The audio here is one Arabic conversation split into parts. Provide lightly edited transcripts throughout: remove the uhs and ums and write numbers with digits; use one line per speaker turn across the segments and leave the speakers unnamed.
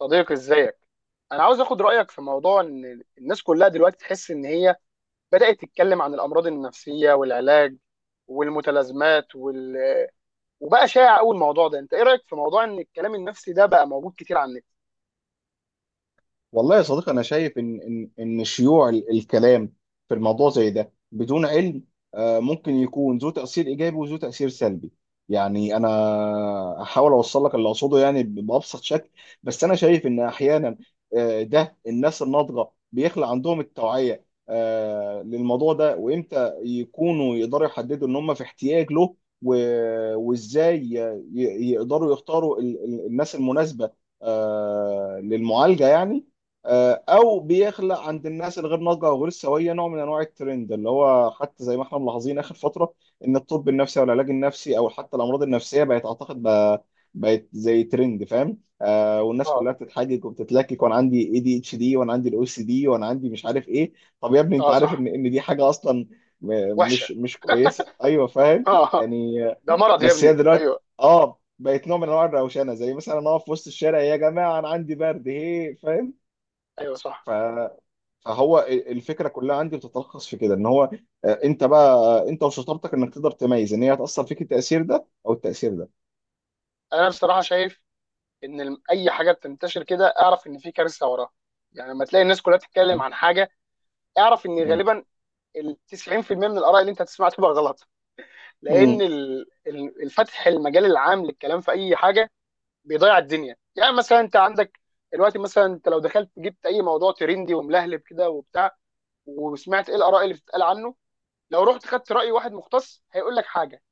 صديقي، ازيك؟ انا عاوز اخد رايك في موضوع ان الناس كلها دلوقتي تحس ان هي بدات تتكلم عن الامراض النفسيه والعلاج والمتلازمات وبقى شائع قوي الموضوع ده. انت ايه رايك في موضوع ان الكلام النفسي ده بقى موجود كتير على النت؟
والله يا صديقي، انا شايف ان شيوع الكلام في الموضوع زي ده بدون علم. ممكن يكون ذو تاثير ايجابي وذو تاثير سلبي. يعني انا هحاول اوصل لك اللي اقصده، يعني بابسط شكل. بس انا شايف ان احيانا، ده الناس الناضجه بيخلق عندهم التوعيه للموضوع ده، وامتى يكونوا يقدروا يحددوا ان هم في احتياج له، وازاي يقدروا يختاروا الناس المناسبه للمعالجه، يعني. او بيخلق عند الناس الغير ناضجه او غير سويه نوع من انواع الترند، اللي هو حتى زي ما احنا ملاحظين اخر فتره، ان الطب النفسي او العلاج النفسي او حتى الامراض النفسيه بقت، اعتقد، بقى بقت زي ترند، فاهم؟ والناس
اه،
كلها بتتحجج وبتتلكك، وانا عندي ADHD، وانا عندي الOCD، وانا عندي مش عارف ايه. طب يا ابني، انت
اه،
عارف ان
صح.
دي حاجه اصلا
وحشه.
مش كويسه، ايوه فاهم.
اه.
يعني،
ده مرض يا
بس هي
ابني،
دلوقتي،
ايوه.
اه، بقت نوع من انواع الروشنه، زي مثلا انا اقف في وسط الشارع، يا جماعه انا عندي برد هي، فاهم.
ايوه، صح.
ف- فهو الفكره كلها عندي بتتلخص في كده، ان هو، انت بقى، انت وشطارتك انك تقدر تميز ان هي هتاثر فيك التاثير ده او التاثير ده.
انا بصراحه شايف ان اي حاجه بتنتشر كده اعرف ان في كارثه وراها. يعني لما تلاقي الناس كلها بتتكلم
م-
عن حاجه، اعرف ان
م-
غالبا ال 90% من الاراء اللي انت هتسمعها تبقى غلط، لان
م-
الفتح المجال العام للكلام في اي حاجه بيضيع الدنيا. يعني مثلا انت عندك دلوقتي، مثلا انت لو دخلت جبت اي موضوع ترندي وملهلب كده وبتاع، وسمعت ايه الاراء اللي بتتقال عنه، لو رحت خدت راي واحد مختص هيقول لك حاجه.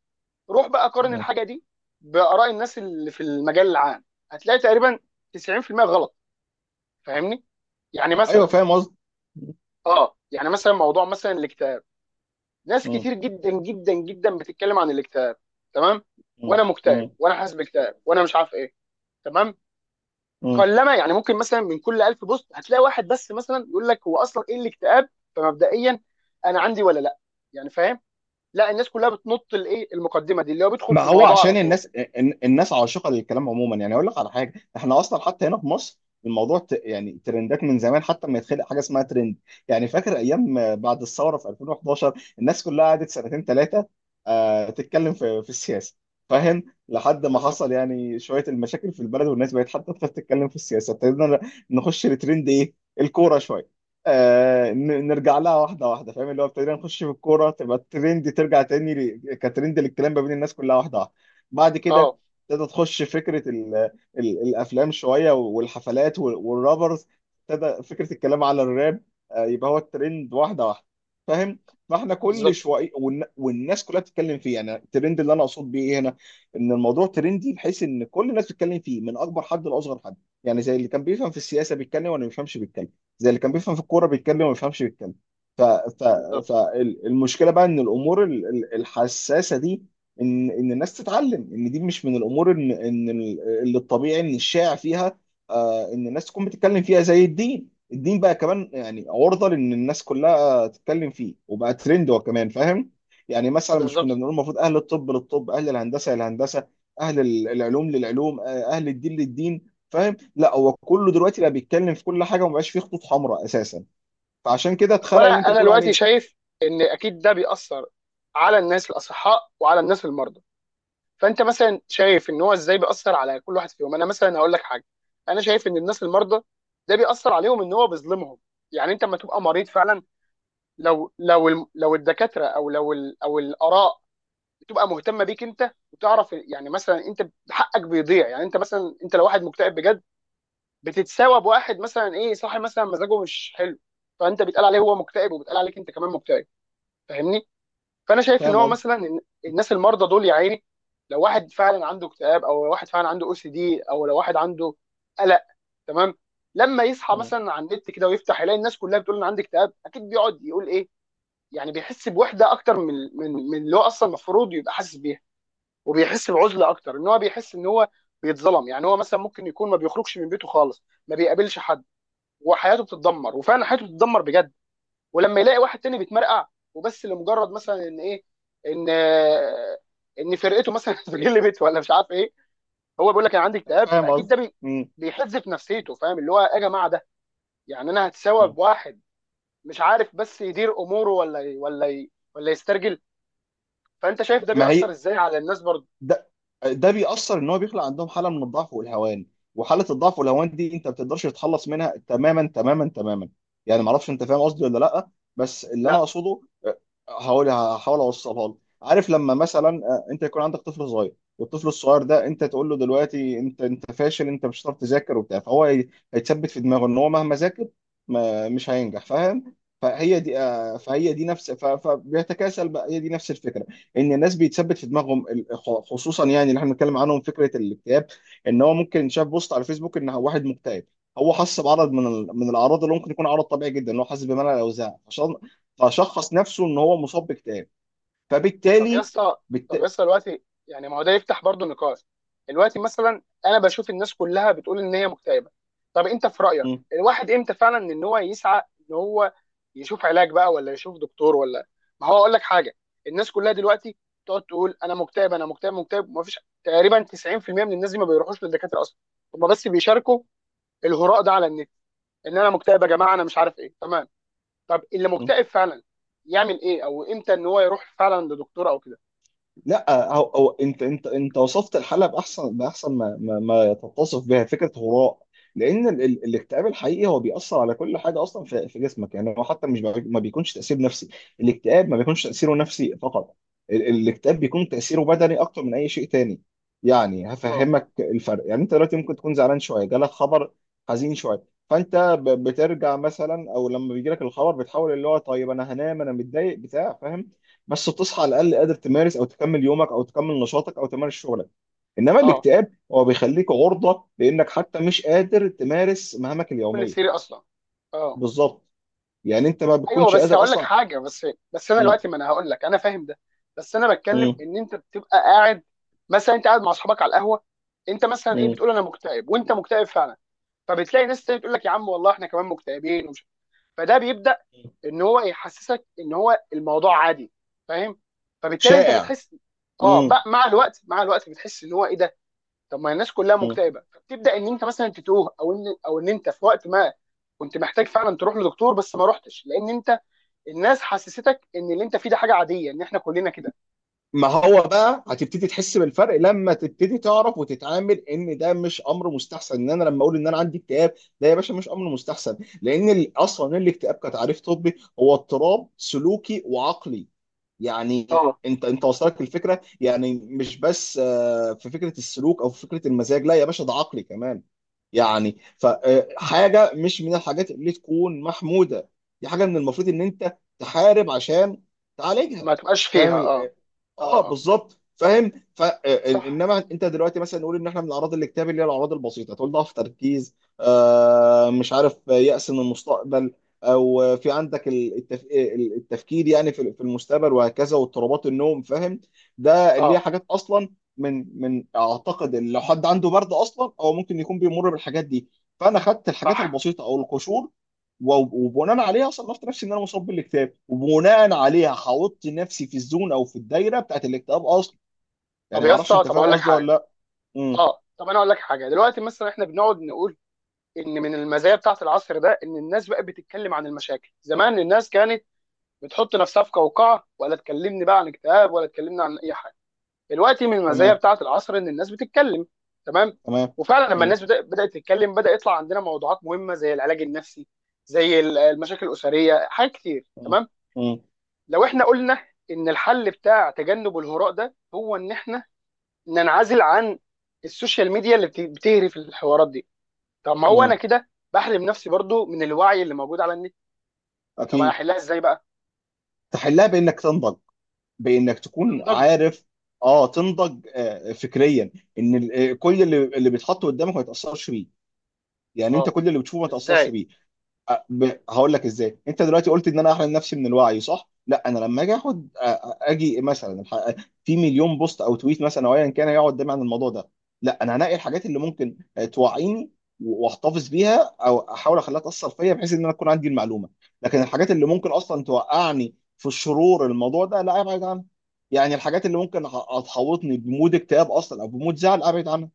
روح بقى قارن
م.
الحاجه دي باراء الناس اللي في المجال العام، هتلاقي تقريبا 90% غلط. فاهمني؟ يعني
ايوه
مثلا،
فاهم قصدي.
اه، يعني مثلا موضوع مثلا الاكتئاب. ناس
م-
كتير جدا جدا جدا بتتكلم عن الاكتئاب، تمام؟
م-
وانا مكتئب،
م-
وانا حاسس باكتئاب، وانا مش عارف ايه. تمام.
م-
قلما يعني ممكن مثلا من كل 1000 بوست هتلاقي واحد بس مثلا يقول لك هو اصلا ايه الاكتئاب. فمبدئيا انا عندي ولا لا؟ يعني، فاهم؟ لا، الناس كلها بتنط الايه المقدمه دي، اللي هو بيدخل
ما
في
هو
الموضوع على
عشان
طول.
الناس، الناس عاشقه للكلام عموما، يعني اقول لك على حاجه، احنا اصلا حتى هنا في مصر يعني ترندات من زمان، حتى ما يتخلق حاجه اسمها ترند. يعني فاكر ايام بعد الثوره في 2011، الناس كلها قعدت سنتين ثلاثه، تتكلم في السياسه، فاهم. لحد ما حصل
بالظبط.
يعني شويه المشاكل في البلد، والناس بقت حتى تخاف تتكلم في السياسه، ابتدينا نخش لترند ايه؟ الكوره شويه. نرجع لها واحده واحده، فاهم. اللي هو ابتدينا نخش في الكوره، تبقى الترند ترجع تاني كترند للكلام ما بين الناس كلها، واحده واحده. بعد كده
اه،
ابتدى تخش فكره ال ال الافلام شويه والحفلات والرابرز. ابتدى فكره الكلام على الراب. يبقى هو الترند واحده واحده، فاهم. فاحنا كل
بالظبط.
شويه والناس كلها بتتكلم فيه. يعني الترند اللي انا اقصد بيه ايه هنا؟ ان الموضوع ترندي بحيث ان كل الناس بتتكلم فيه من اكبر حد لاصغر حد. يعني زي اللي كان بيفهم في السياسه بيتكلم واللي ما بيفهمش بيتكلم، زي اللي كان بيفهم في الكوره بيتكلم وما بيفهمش بيتكلم. ف... ف...
بالظبط.
فالمشكله بقى ان الامور الحساسه دي، ان الناس تتعلم ان دي مش من الامور، ان اللي الطبيعي ان الشائع فيها ان الناس تكون بتتكلم فيها، زي الدين. الدين بقى كمان يعني عرضه لان الناس كلها تتكلم فيه، وبقى ترند هو كمان، فاهم. يعني مثلا مش كنا
بالظبط.
بنقول المفروض اهل الطب للطب، اهل الهندسه للهندسه، اهل العلوم للعلوم، اهل الدين للدين، فاهم. لا، هو كله دلوقتي بقى بيتكلم في كل حاجه، ومبقاش فيه خطوط حمراء اساسا. فعشان كده
طب
اتخلق
انا
اللي انت
انا
بتقول
دلوقتي
عليه.
شايف ان اكيد ده بيأثر على الناس الاصحاء وعلى الناس المرضى. فانت مثلا شايف ان هو ازاي بيأثر على كل واحد فيهم؟ انا مثلا هقول لك حاجه. انا شايف ان الناس المرضى، ده بيأثر عليهم ان هو بيظلمهم. يعني انت لما تبقى مريض فعلا، لو الدكاتره او لو ال- او الاراء بتبقى مهتمه بيك انت وتعرف، يعني مثلا انت حقك بيضيع، يعني انت مثلا، انت لو واحد مكتئب بجد بتتساوى بواحد مثلا ايه، صاحي مثلا مزاجه مش حلو. فانت بيتقال عليه هو مكتئب، وبيتقال عليك انت كمان مكتئب. فاهمني؟ فانا شايف ان
فاهم
هو
قصدي؟
مثلا الناس المرضى دول، يا عيني، لو واحد فعلا عنده اكتئاب، او لو واحد فعلا عنده OCD، او لو واحد عنده قلق. تمام. لما يصحى
مم.
مثلا على النت كده ويفتح يلاقي الناس كلها بتقول انا عندي اكتئاب، اكيد بيقعد يقول ايه. يعني بيحس بوحده اكتر من اللي هو اصلا المفروض يبقى حاسس بيها، وبيحس بعزله اكتر ان هو بيحس ان هو بيتظلم. يعني هو مثلا ممكن يكون ما بيخرجش من بيته خالص، ما بيقابلش حد، وحياته بتتدمر، وفعلا حياته بتتدمر بجد. ولما يلاقي واحد تاني بيتمرقع، وبس لمجرد مثلا ان ايه ان آه، ان فرقته مثلا اتغلبت ولا مش عارف ايه، هو بيقول لك انا عندي اكتئاب.
فاهم
اكيد
قصدي؟
ده
مم.
بيحز في نفسيته. فاهم؟ اللي هو يا جماعه ده، يعني انا هتساوى
مم.
بواحد مش عارف بس يدير اموره، ولا يسترجل. فانت شايف ده
ما هي،
بيأثر ازاي على الناس برضه؟
ده ده بيأثر ان هو بيخلق عندهم حاله من الضعف والهوان، وحاله الضعف والهوان دي انت ما بتقدرش تتخلص منها تماما تماما تماما. يعني ما اعرفش انت فاهم قصدي ولا لا. بس اللي انا
لا.
اقصده، آه، هقول هحاول اوصلها لك. عارف لما مثلا انت يكون عندك طفل صغير، والطفل الصغير ده انت تقول له دلوقتي انت فاشل، انت مش هتعرف تذاكر وبتاع، فهو هيتثبت في دماغه ان هو مهما ذاكر ما مش هينجح، فاهم. فهي دي، فهي دي نفس، فبيتكاسل بقى، هي دي نفس الفكره. ان الناس بيتثبت في دماغهم، خصوصا يعني اللي احنا بنتكلم عنهم فكره الاكتئاب. ان هو ممكن شاف بوست على فيسبوك ان واحد مكتئب، هو حس بعرض من من الاعراض اللي ممكن يكون عرض طبيعي جدا، ان هو حاسس بملل او زهق. فشخص نفسه ان هو مصاب باكتئاب،
طب يا
فبالتالي
اسطى، طب يا
بالت...
اسطى، دلوقتي يعني ما هو ده يفتح برضه نقاش. دلوقتي مثلا انا بشوف الناس كلها بتقول ان هي مكتئبه. طب انت في رايك الواحد امتى فعلا ان هو يسعى ان هو يشوف علاج بقى، ولا يشوف دكتور، ولا؟ ما هو اقول لك حاجه. الناس كلها دلوقتي تقعد تقول انا مكتئب، انا مكتئب، مكتئب، ما فيش تقريبا 90% من الناس دي ما بيروحوش للدكاتره اصلا. هم بس بيشاركوا الهراء ده على النت: ان انا مكتئب يا جماعه، انا مش عارف ايه. تمام. طب اللي مكتئب فعلا يعمل ايه، او امتى ان هو يروح فعلا لدكتور او كده؟
لا هو، انت وصفت الحاله باحسن ما ما تتصف بها فكره هراء. لان ال ال الاكتئاب الحقيقي هو بيأثر على كل حاجه اصلا في جسمك. يعني هو حتى مش بي- ما بيكونش تأثير نفسي. الاكتئاب ما بيكونش تأثيره نفسي فقط، الاكتئاب بيكون تأثيره بدني اكتر من اي شيء تاني. يعني
آه.
هفهمك الفرق. يعني انت دلوقتي ممكن تكون زعلان شويه، جالك خبر حزين شويه، فانت بترجع مثلا، او لما بيجيلك الخبر بتحاول اللي هو طيب انا هنام انا متضايق بتاع، فاهم. بس بتصحى على الاقل قادر تمارس او تكمل يومك، او تكمل نشاطك او تمارس شغلك. انما
اه،
الاكتئاب هو بيخليك عرضه لانك حتى مش قادر تمارس مهامك
توب
اليوميه.
الثيري اصلا. اه.
بالظبط. يعني انت ما
ايوه،
بتكونش
بس
قادر
هقول لك
اصلا.
حاجه بس. بس انا
م-
دلوقتي، ما انا هقول لك انا فاهم ده، بس انا بتكلم
م-
ان انت بتبقى قاعد، مثلا انت قاعد مع اصحابك على القهوه، انت مثلا ايه،
م-
بتقول انا مكتئب، وانت مكتئب فعلا، فبتلاقي ناس تانية تقول لك يا عم والله احنا كمان مكتئبين ومش، فده بيبدا ان هو يحسسك ان هو الموضوع عادي. فاهم؟ فبالتالي انت
شائع.
بتحس، اه،
م-
بقى مع الوقت، مع الوقت، بتحس ان هو ايه ده. طب ما الناس كلها
م-
مكتئبه، فبتبدا ان انت مثلا تتوه او ان انت في وقت ما كنت محتاج فعلا تروح لدكتور، بس ما رحتش لان انت الناس حسستك ان اللي انت فيه ده حاجه عاديه، ان احنا كلنا كده.
ما هو بقى هتبتدي تحس بالفرق لما تبتدي تعرف وتتعامل ان ده مش امر مستحسن، ان انا لما اقول ان انا عندي اكتئاب، ده يا باشا مش امر مستحسن. لان اصلا الاكتئاب كتعريف طبي هو اضطراب سلوكي وعقلي. يعني
اه،
انت وصلك الفكره، يعني مش بس في فكره السلوك او في فكره المزاج، لا يا باشا ده عقلي كمان. يعني فحاجة مش من الحاجات اللي تكون محمودة. دي حاجة من المفروض ان انت تحارب عشان تعالجها،
ما تبقاش فيها.
فاهم.
اه، اه، اه
بالظبط، فاهم ف آه،
صح،
انما انت دلوقتي مثلا نقول ان احنا من اعراض الاكتئاب اللي هي الاعراض البسيطه، تقول ضعف تركيز، مش عارف، يأس من المستقبل، او في عندك التفكير يعني في المستقبل وهكذا، واضطرابات النوم، فاهم. ده اللي هي
اه
حاجات اصلا من اعتقد ان لو حد عنده برد اصلا هو ممكن يكون بيمر بالحاجات دي. فانا خدت الحاجات
صح.
البسيطه او القشور، و- وبناء عليها صنفت نفسي ان انا مصاب بالاكتئاب، وبناء عليها حاطط نفسي في الزون او في الدايره بتاعت الاكتئاب اصلا.
طب
يعني ما
يا
اعرفش
اسطى،
انت
طب
فاهم
اقول لك
قصدي ولا
حاجه.
لا. امم
اه، طب انا اقول لك حاجه. دلوقتي مثلا احنا بنقعد نقول ان من المزايا بتاعه العصر ده ان الناس بقت بتتكلم عن المشاكل. زمان الناس كانت بتحط نفسها في قوقعه، ولا تكلمني بقى عن اكتئاب، ولا تكلمني عن اي حاجه. دلوقتي من المزايا
تمام.
بتاعه العصر ان الناس بتتكلم. تمام.
تمام.
وفعلا لما
امم
الناس بدات تتكلم بدا يطلع عندنا موضوعات مهمه زي العلاج النفسي، زي المشاكل الاسريه، حاجات كتير.
امم
تمام.
امم
لو احنا قلنا ان الحل بتاع تجنب الهراء ده هو ان احنا ننعزل عن السوشيال ميديا اللي بتهرف الحوارات دي، طب ما هو انا
امم
كده بحرم نفسي برضو من الوعي اللي موجود على النت. طب انا
اكيد.
احلها ازاي بقى؟
تحلها بانك تنضج، بانك تكون
تنضج؟
عارف. اه، تنضج فكريا، ان كل اللي بيتحط قدامك ما يتاثرش بيه، يعني انت
اه،
كل اللي بتشوفه ما تاثرش
ازاي؟
بيه. هقول لك ازاي. انت دلوقتي قلت ان انا احرم نفسي من الوعي، صح؟ لا، انا لما اجي اخد اجي مثلا في مليون بوست او تويت مثلا او ايا كان يقعد دايما عن الموضوع ده، لا انا هنقي الحاجات اللي ممكن توعيني واحتفظ بيها، او احاول اخليها تاثر فيا بحيث ان انا اكون عندي المعلومه. لكن الحاجات اللي ممكن اصلا توقعني في الشرور، الموضوع ده لا ابعد عنها. يعني الحاجات اللي ممكن تحوطني بمود اكتئاب اصلا، او بمود زعل، ابعد عنها.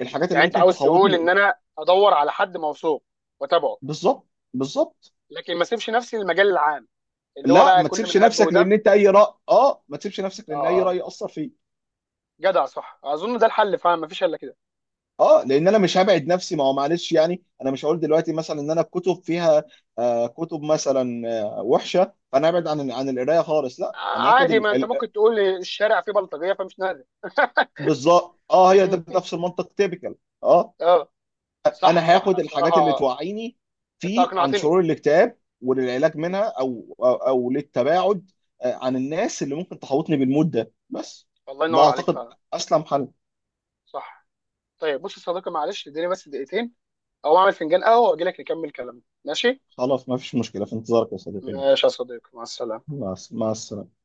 الحاجات اللي
يعني انت
ممكن
عاوز تقول ان
تحوطني.
انا ادور على حد موثوق واتابعه،
بالظبط. بالظبط.
لكن ما اسيبش نفسي للمجال العام اللي هو
لا
بقى
ما
كل
تسيبش
من هب
نفسك لان
ودب؟
انت اي راي، ما تسيبش نفسك
اه،
لان اي
اه،
راي ياثر فيك.
جدع. صح. اظن ده الحل فعلا، ما فيش الا كده.
اه لان انا مش هبعد نفسي، ما هو معلش يعني انا مش هقول دلوقتي مثلا ان انا الكتب فيها كتب مثلا وحشه، فانا ابعد عن القرايه خالص، لا انا هاخد
عادي، ما انت ممكن تقول لي الشارع فيه بلطجيه فمش نادر.
بالظبط. اه، هي
فاهمني؟
ده نفس المنطق تيبيكال. اه،
اه،
انا
صح، صح
هاخد الحاجات اللي
بصراحه.
توعيني
انت
في عن
اقنعتني.
شرور الاكتئاب وللعلاج منها،
مم.
أو للتباعد عن الناس اللي ممكن تحوطني بالمود ده بس.
الله
ده
ينور عليك
اعتقد
فعلا.
اسلم حل.
صح. طيب، بص يا صديقي، معلش اديني بس دقيقتين او اعمل فنجان قهوه واجي لك نكمل كلامنا، ماشي؟
خلاص ما فيش مشكلة. في انتظارك يا صديقي، ماشي.
ماشي يا صديقي، مع السلامه.
مع السلامة.